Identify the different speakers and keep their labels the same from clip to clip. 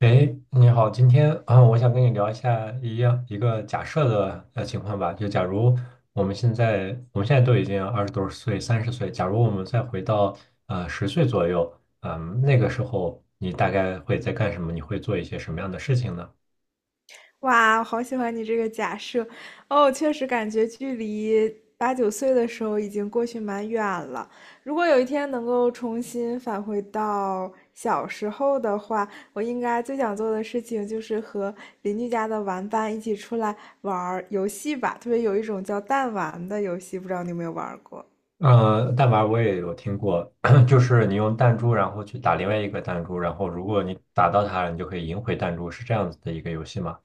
Speaker 1: 哎，你好，今天啊，我想跟你聊一下一样一个假设的情况吧，就假如我们现在都已经二十多岁、三十岁，假如我们再回到十岁左右，嗯、那个时候你大概会在干什么？你会做一些什么样的事情呢？
Speaker 2: 哇，我好喜欢你这个假设哦！确实感觉距离八九岁的时候已经过去蛮远了。如果有一天能够重新返回到小时候的话，我应该最想做的事情就是和邻居家的玩伴一起出来玩儿游戏吧。特别有一种叫弹丸的游戏，不知道你有没有玩儿过？
Speaker 1: 嗯，弹丸我也有听过，就是你用弹珠然后去打另外一个弹珠，然后如果你打到它了，你就可以赢回弹珠，是这样子的一个游戏吗？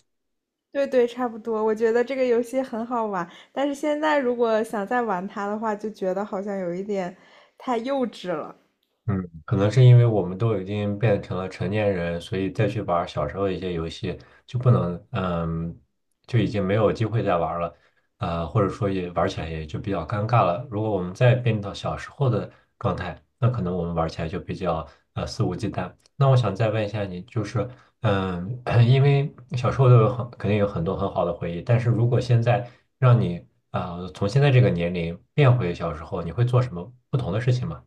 Speaker 2: 对对，差不多。我觉得这个游戏很好玩，但是现在如果想再玩它的话，就觉得好像有一点太幼稚了。
Speaker 1: 嗯，可能是因为我们都已经变成了成年人，所以再去玩儿小时候一些游戏就不能，嗯，就已经没有机会再玩儿了，或者说也玩起来也就比较尴尬了。如果我们再变到小时候的状态，那可能我们玩起来就比较肆无忌惮。那我想再问一下你，就是，嗯，因为小时候都有很肯定有很多很好的回忆，但是如果现在让你啊，从现在这个年龄变回小时候，你会做什么不同的事情吗？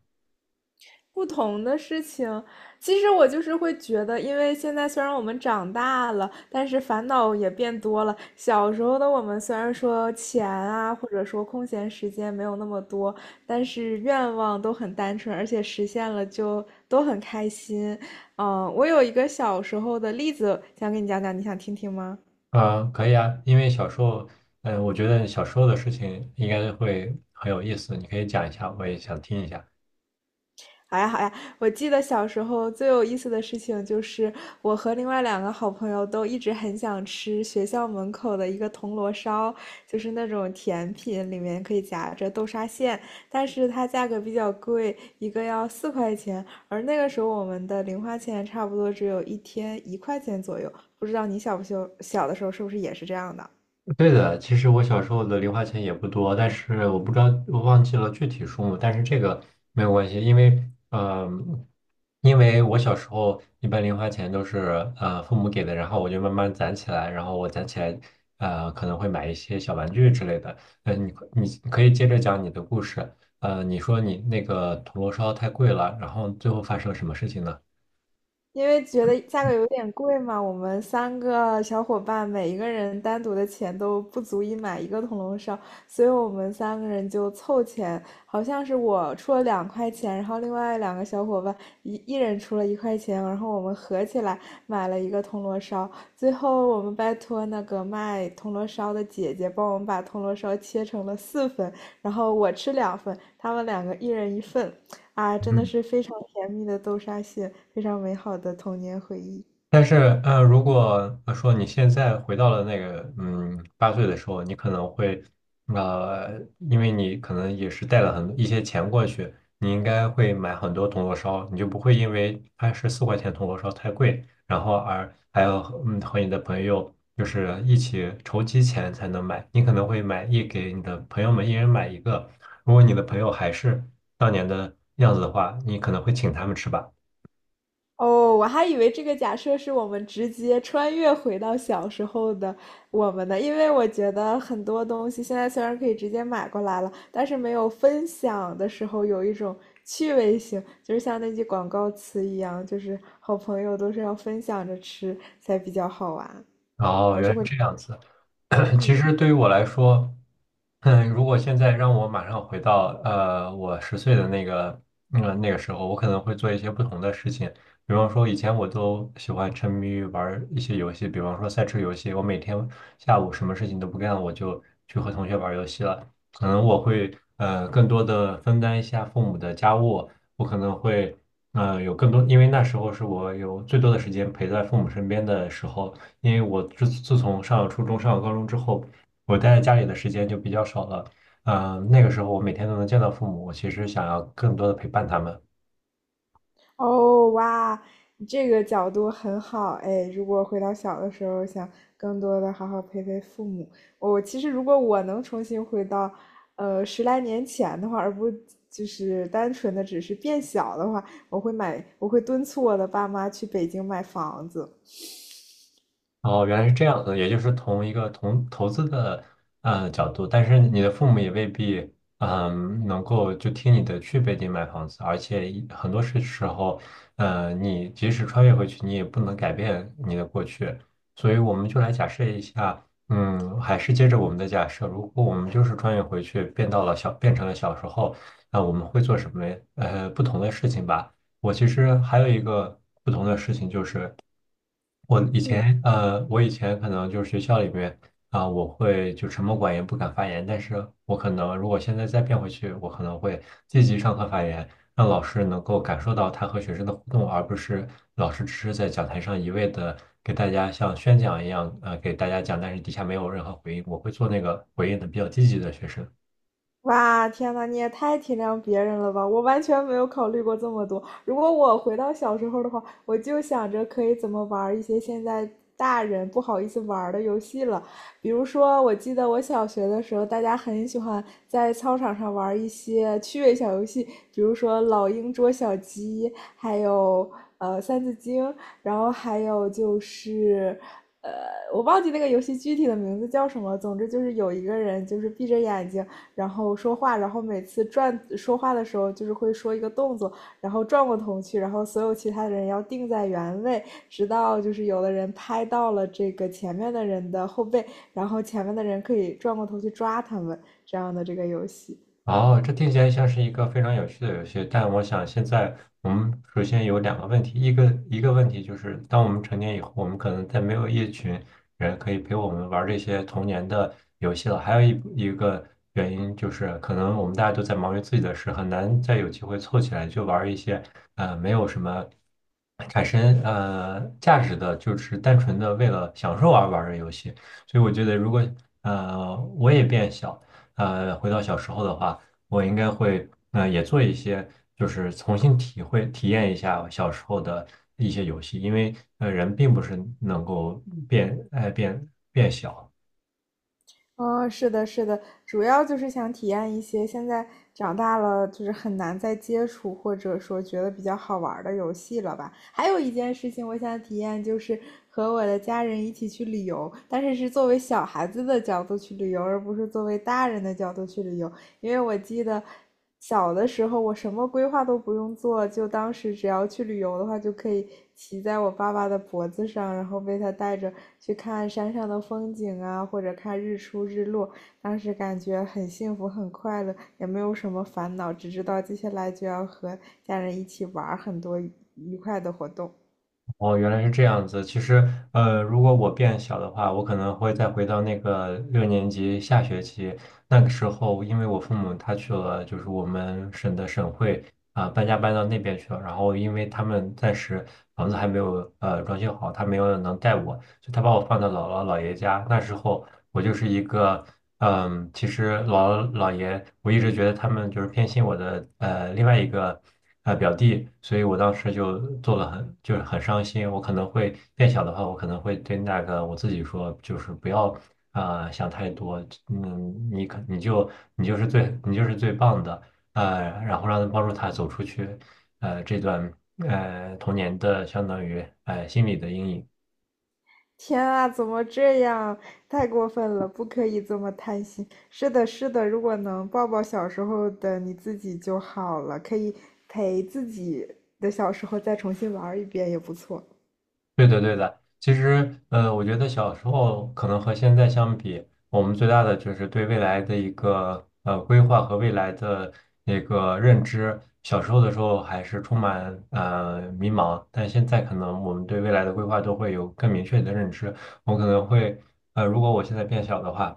Speaker 2: 不同的事情，其实我就是会觉得，因为现在虽然我们长大了，但是烦恼也变多了。小时候的我们虽然说钱啊，或者说空闲时间没有那么多，但是愿望都很单纯，而且实现了就都很开心。嗯，我有一个小时候的例子想给你讲讲，你想听听吗？
Speaker 1: 嗯，可以啊，因为小时候，嗯、我觉得小时候的事情应该会很有意思，你可以讲一下，我也想听一下。
Speaker 2: 好呀，好呀！我记得小时候最有意思的事情就是，我和另外两个好朋友都一直很想吃学校门口的一个铜锣烧，就是那种甜品，里面可以夹着豆沙馅，但是它价格比较贵，一个要4块钱，而那个时候我们的零花钱差不多只有一天一块钱左右。不知道你小不小小的时候是不是也是这样的？
Speaker 1: 对的，其实我小时候的零花钱也不多，但是我不知道，我忘记了具体数目，但是这个没有关系，因为，嗯，因为我小时候一般零花钱都是父母给的，然后我就慢慢攒起来，然后我攒起来，可能会买一些小玩具之类的。嗯，你可以接着讲你的故事，你说你那个铜锣烧太贵了，然后最后发生了什么事情呢？
Speaker 2: 因为觉得价格有点贵嘛，我们三个小伙伴每一个人单独的钱都不足以买一个铜锣烧，所以我们三个人就凑钱，好像是我出了2块钱，然后另外两个小伙伴一人出了一块钱，然后我们合起来买了一个铜锣烧。最后我们拜托那个卖铜锣烧的姐姐帮我们把铜锣烧切成了四份，然后我吃两份，他们两个一人一份。啊，真的是非常甜蜜的豆沙蟹，非常美好的童年回忆。
Speaker 1: 但是，如果说你现在回到了那个，嗯，八岁的时候，你可能会，呃，因为你可能也是带了很一些钱过去，你应该会买很多铜锣烧，你就不会因为它是四块钱铜锣烧太贵，然后而还要和和你的朋友就是一起筹集钱才能买，你可能会给你的朋友们一人买一个，如果你的朋友还是当年的样子的话，你可能会请他们吃吧。
Speaker 2: 哦，我还以为这个假设是我们直接穿越回到小时候的我们的，因为我觉得很多东西现在虽然可以直接买过来了，但是没有分享的时候有一种趣味性，就是像那句广告词一样，就是好朋友都是要分享着吃才比较好玩。
Speaker 1: 哦，
Speaker 2: 我
Speaker 1: 原
Speaker 2: 是
Speaker 1: 来
Speaker 2: 会，
Speaker 1: 这样子。其
Speaker 2: 嗯。
Speaker 1: 实对于我来说，嗯，如果现在让我马上回到我十岁的那个那个时候，我可能会做一些不同的事情。比方说，以前我都喜欢沉迷于玩儿一些游戏，比方说赛车游戏，我每天下午什么事情都不干，我就去和同学玩儿游戏了。可能我会更多的分担一下父母的家务，我可能会有更多，因为那时候是我有最多的时间陪在父母身边的时候。因为我自从上了初中、上了高中之后，我待在家里的时间就比较少了。嗯、那个时候我每天都能见到父母，我其实想要更多的陪伴他们。
Speaker 2: 哦，哇，你这个角度很好哎！如果回到小的时候，想更多的好好陪陪父母，我其实如果我能重新回到，十来年前的话，而不就是单纯的只是变小的话，我会买，我会敦促我的爸妈去北京买房子。
Speaker 1: 哦，原来是这样的，也就是从一个同投资的角度，但是你的父母也未必能够就听你的去北京买房子，而且一很多时候，你即使穿越回去，你也不能改变你的过去，所以我们就来假设一下，嗯，还是接着我们的假设，如果我们就是穿越回去，变到了小，变成了小时候，那我们会做什么不同的事情吧？我其实还有一个不同的事情就是。我以
Speaker 2: 嗯。
Speaker 1: 前我以前可能就是学校里面啊、我会就沉默寡言，不敢发言。但是我可能如果现在再变回去，我可能会积极上课发言，让老师能够感受到他和学生的互动，而不是老师只是在讲台上一味的给大家像宣讲一样，给大家讲，但是底下没有任何回应。我会做那个回应的比较积极的学生。
Speaker 2: 哇，天呐，你也太体谅别人了吧！我完全没有考虑过这么多。如果我回到小时候的话，我就想着可以怎么玩儿一些现在大人不好意思玩儿的游戏了。比如说，我记得我小学的时候，大家很喜欢在操场上玩儿一些趣味小游戏，比如说老鹰捉小鸡，还有三字经，然后还有就是呃，我忘记那个游戏具体的名字叫什么。总之就是有一个人就是闭着眼睛。然后说话，然后每次转说话的时候就是会说一个动作，然后转过头去，然后所有其他的人要定在原位，直到就是有的人拍到了这个前面的人的后背，然后前面的人可以转过头去抓他们，这样的这个游戏。
Speaker 1: 哦，这听起来像是一个非常有趣的游戏，但我想现在我们首先有两个问题，一个问题就是，当我们成年以后，我们可能再没有一群人可以陪我们玩这些童年的游戏了。还有一个原因就是，可能我们大家都在忙于自己的事，很难再有机会凑起来就玩一些没有什么产生价值的，就是单纯的为了享受而玩的游戏。所以我觉得，如果我也变小，回到小时候的话。我应该会也做一些，就是重新体会体验一下我小时候的一些游戏，因为人并不是能够变爱变变小，
Speaker 2: 哦，是的，是的，主要就是想体验一些现在长大了就是很难再接触，或者说觉得比较好玩儿的游戏了吧。还有一件事情我想体验，就是和我的家人一起去旅游，但是是作为小孩子的角度去旅游，而不是作为大人的角度去旅游。因为我记得小的时候我什么规划都不用做，就当时只要去旅游的话，就可以骑在我爸爸的脖子上，然后被他带着去看山上的风景啊，或者看日出日落。当时感觉很幸福，很快乐，也没有什么烦恼，只知道接下来就要和家人一起玩很多愉快的活动。
Speaker 1: 哦，原来是这样子。其实，如果我变小的话，我可能会再回到那个六年级下学期那个时候，因为我父母他去了，就是我们省的省会啊、搬家搬到那边去了。然后，因为他们暂时房子还没有装修好，他没有能带我，就他把我放到姥姥姥爷家。那时候，我就是一个，嗯，其实老姥姥爷，我一直觉得他们就是偏心我的，另外一个，表弟，所以我当时就做了很，就是很伤心。我可能会变小的话，我可能会对那个我自己说，就是不要，想太多，嗯，你就是最棒的，然后让他帮助他走出去，这段童年的相当于心理的阴影。
Speaker 2: 天啊，怎么这样？太过分了，不可以这么贪心。是的，是的，如果能抱抱小时候的你自己就好了，可以陪自己的小时候再重新玩一遍也不错。
Speaker 1: 对的，对的。其实，我觉得小时候可能和现在相比，我们最大的就是对未来的一个规划和未来的那个认知。小时候的时候还是充满迷茫，但现在可能我们对未来的规划都会有更明确的认知。我可能会，如果我现在变小的话。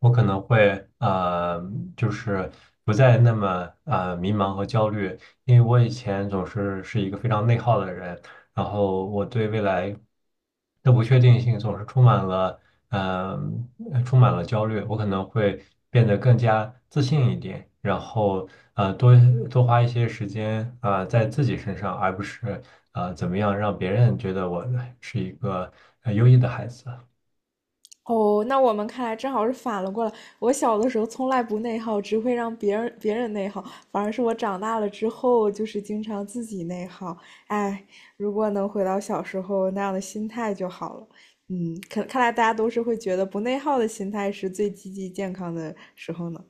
Speaker 1: 我可能会就是不再那么迷茫和焦虑，因为我以前总是一个非常内耗的人，然后我对未来的不确定性总是充满了呃充满了焦虑，我可能会变得更加自信一点，然后多多花一些时间啊、在自己身上，而不是怎么样让别人觉得我是一个优异的孩子。
Speaker 2: 哦，那我们看来正好是反了过来。我小的时候从来不内耗，只会让别人内耗，反而是我长大了之后，就是经常自己内耗。哎，如果能回到小时候那样的心态就好了。嗯，可看来大家都是会觉得不内耗的心态是最积极健康的时候呢。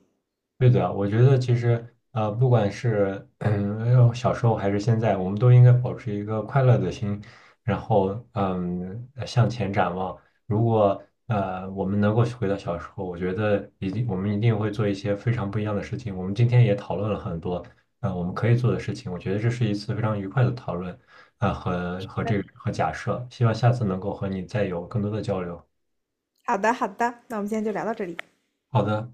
Speaker 1: 对的，我觉得其实不管是小时候还是现在，我们都应该保持一个快乐的心，然后向前展望。如果我们能够回到小时候，我觉得我们一定会做一些非常不一样的事情。我们今天也讨论了很多我们可以做的事情，我觉得这是一次非常愉快的讨论啊、和这个和假设，希望下次能够和你再有更多的交流。
Speaker 2: 好的，好的，那我们今天就聊到这里。
Speaker 1: 好的。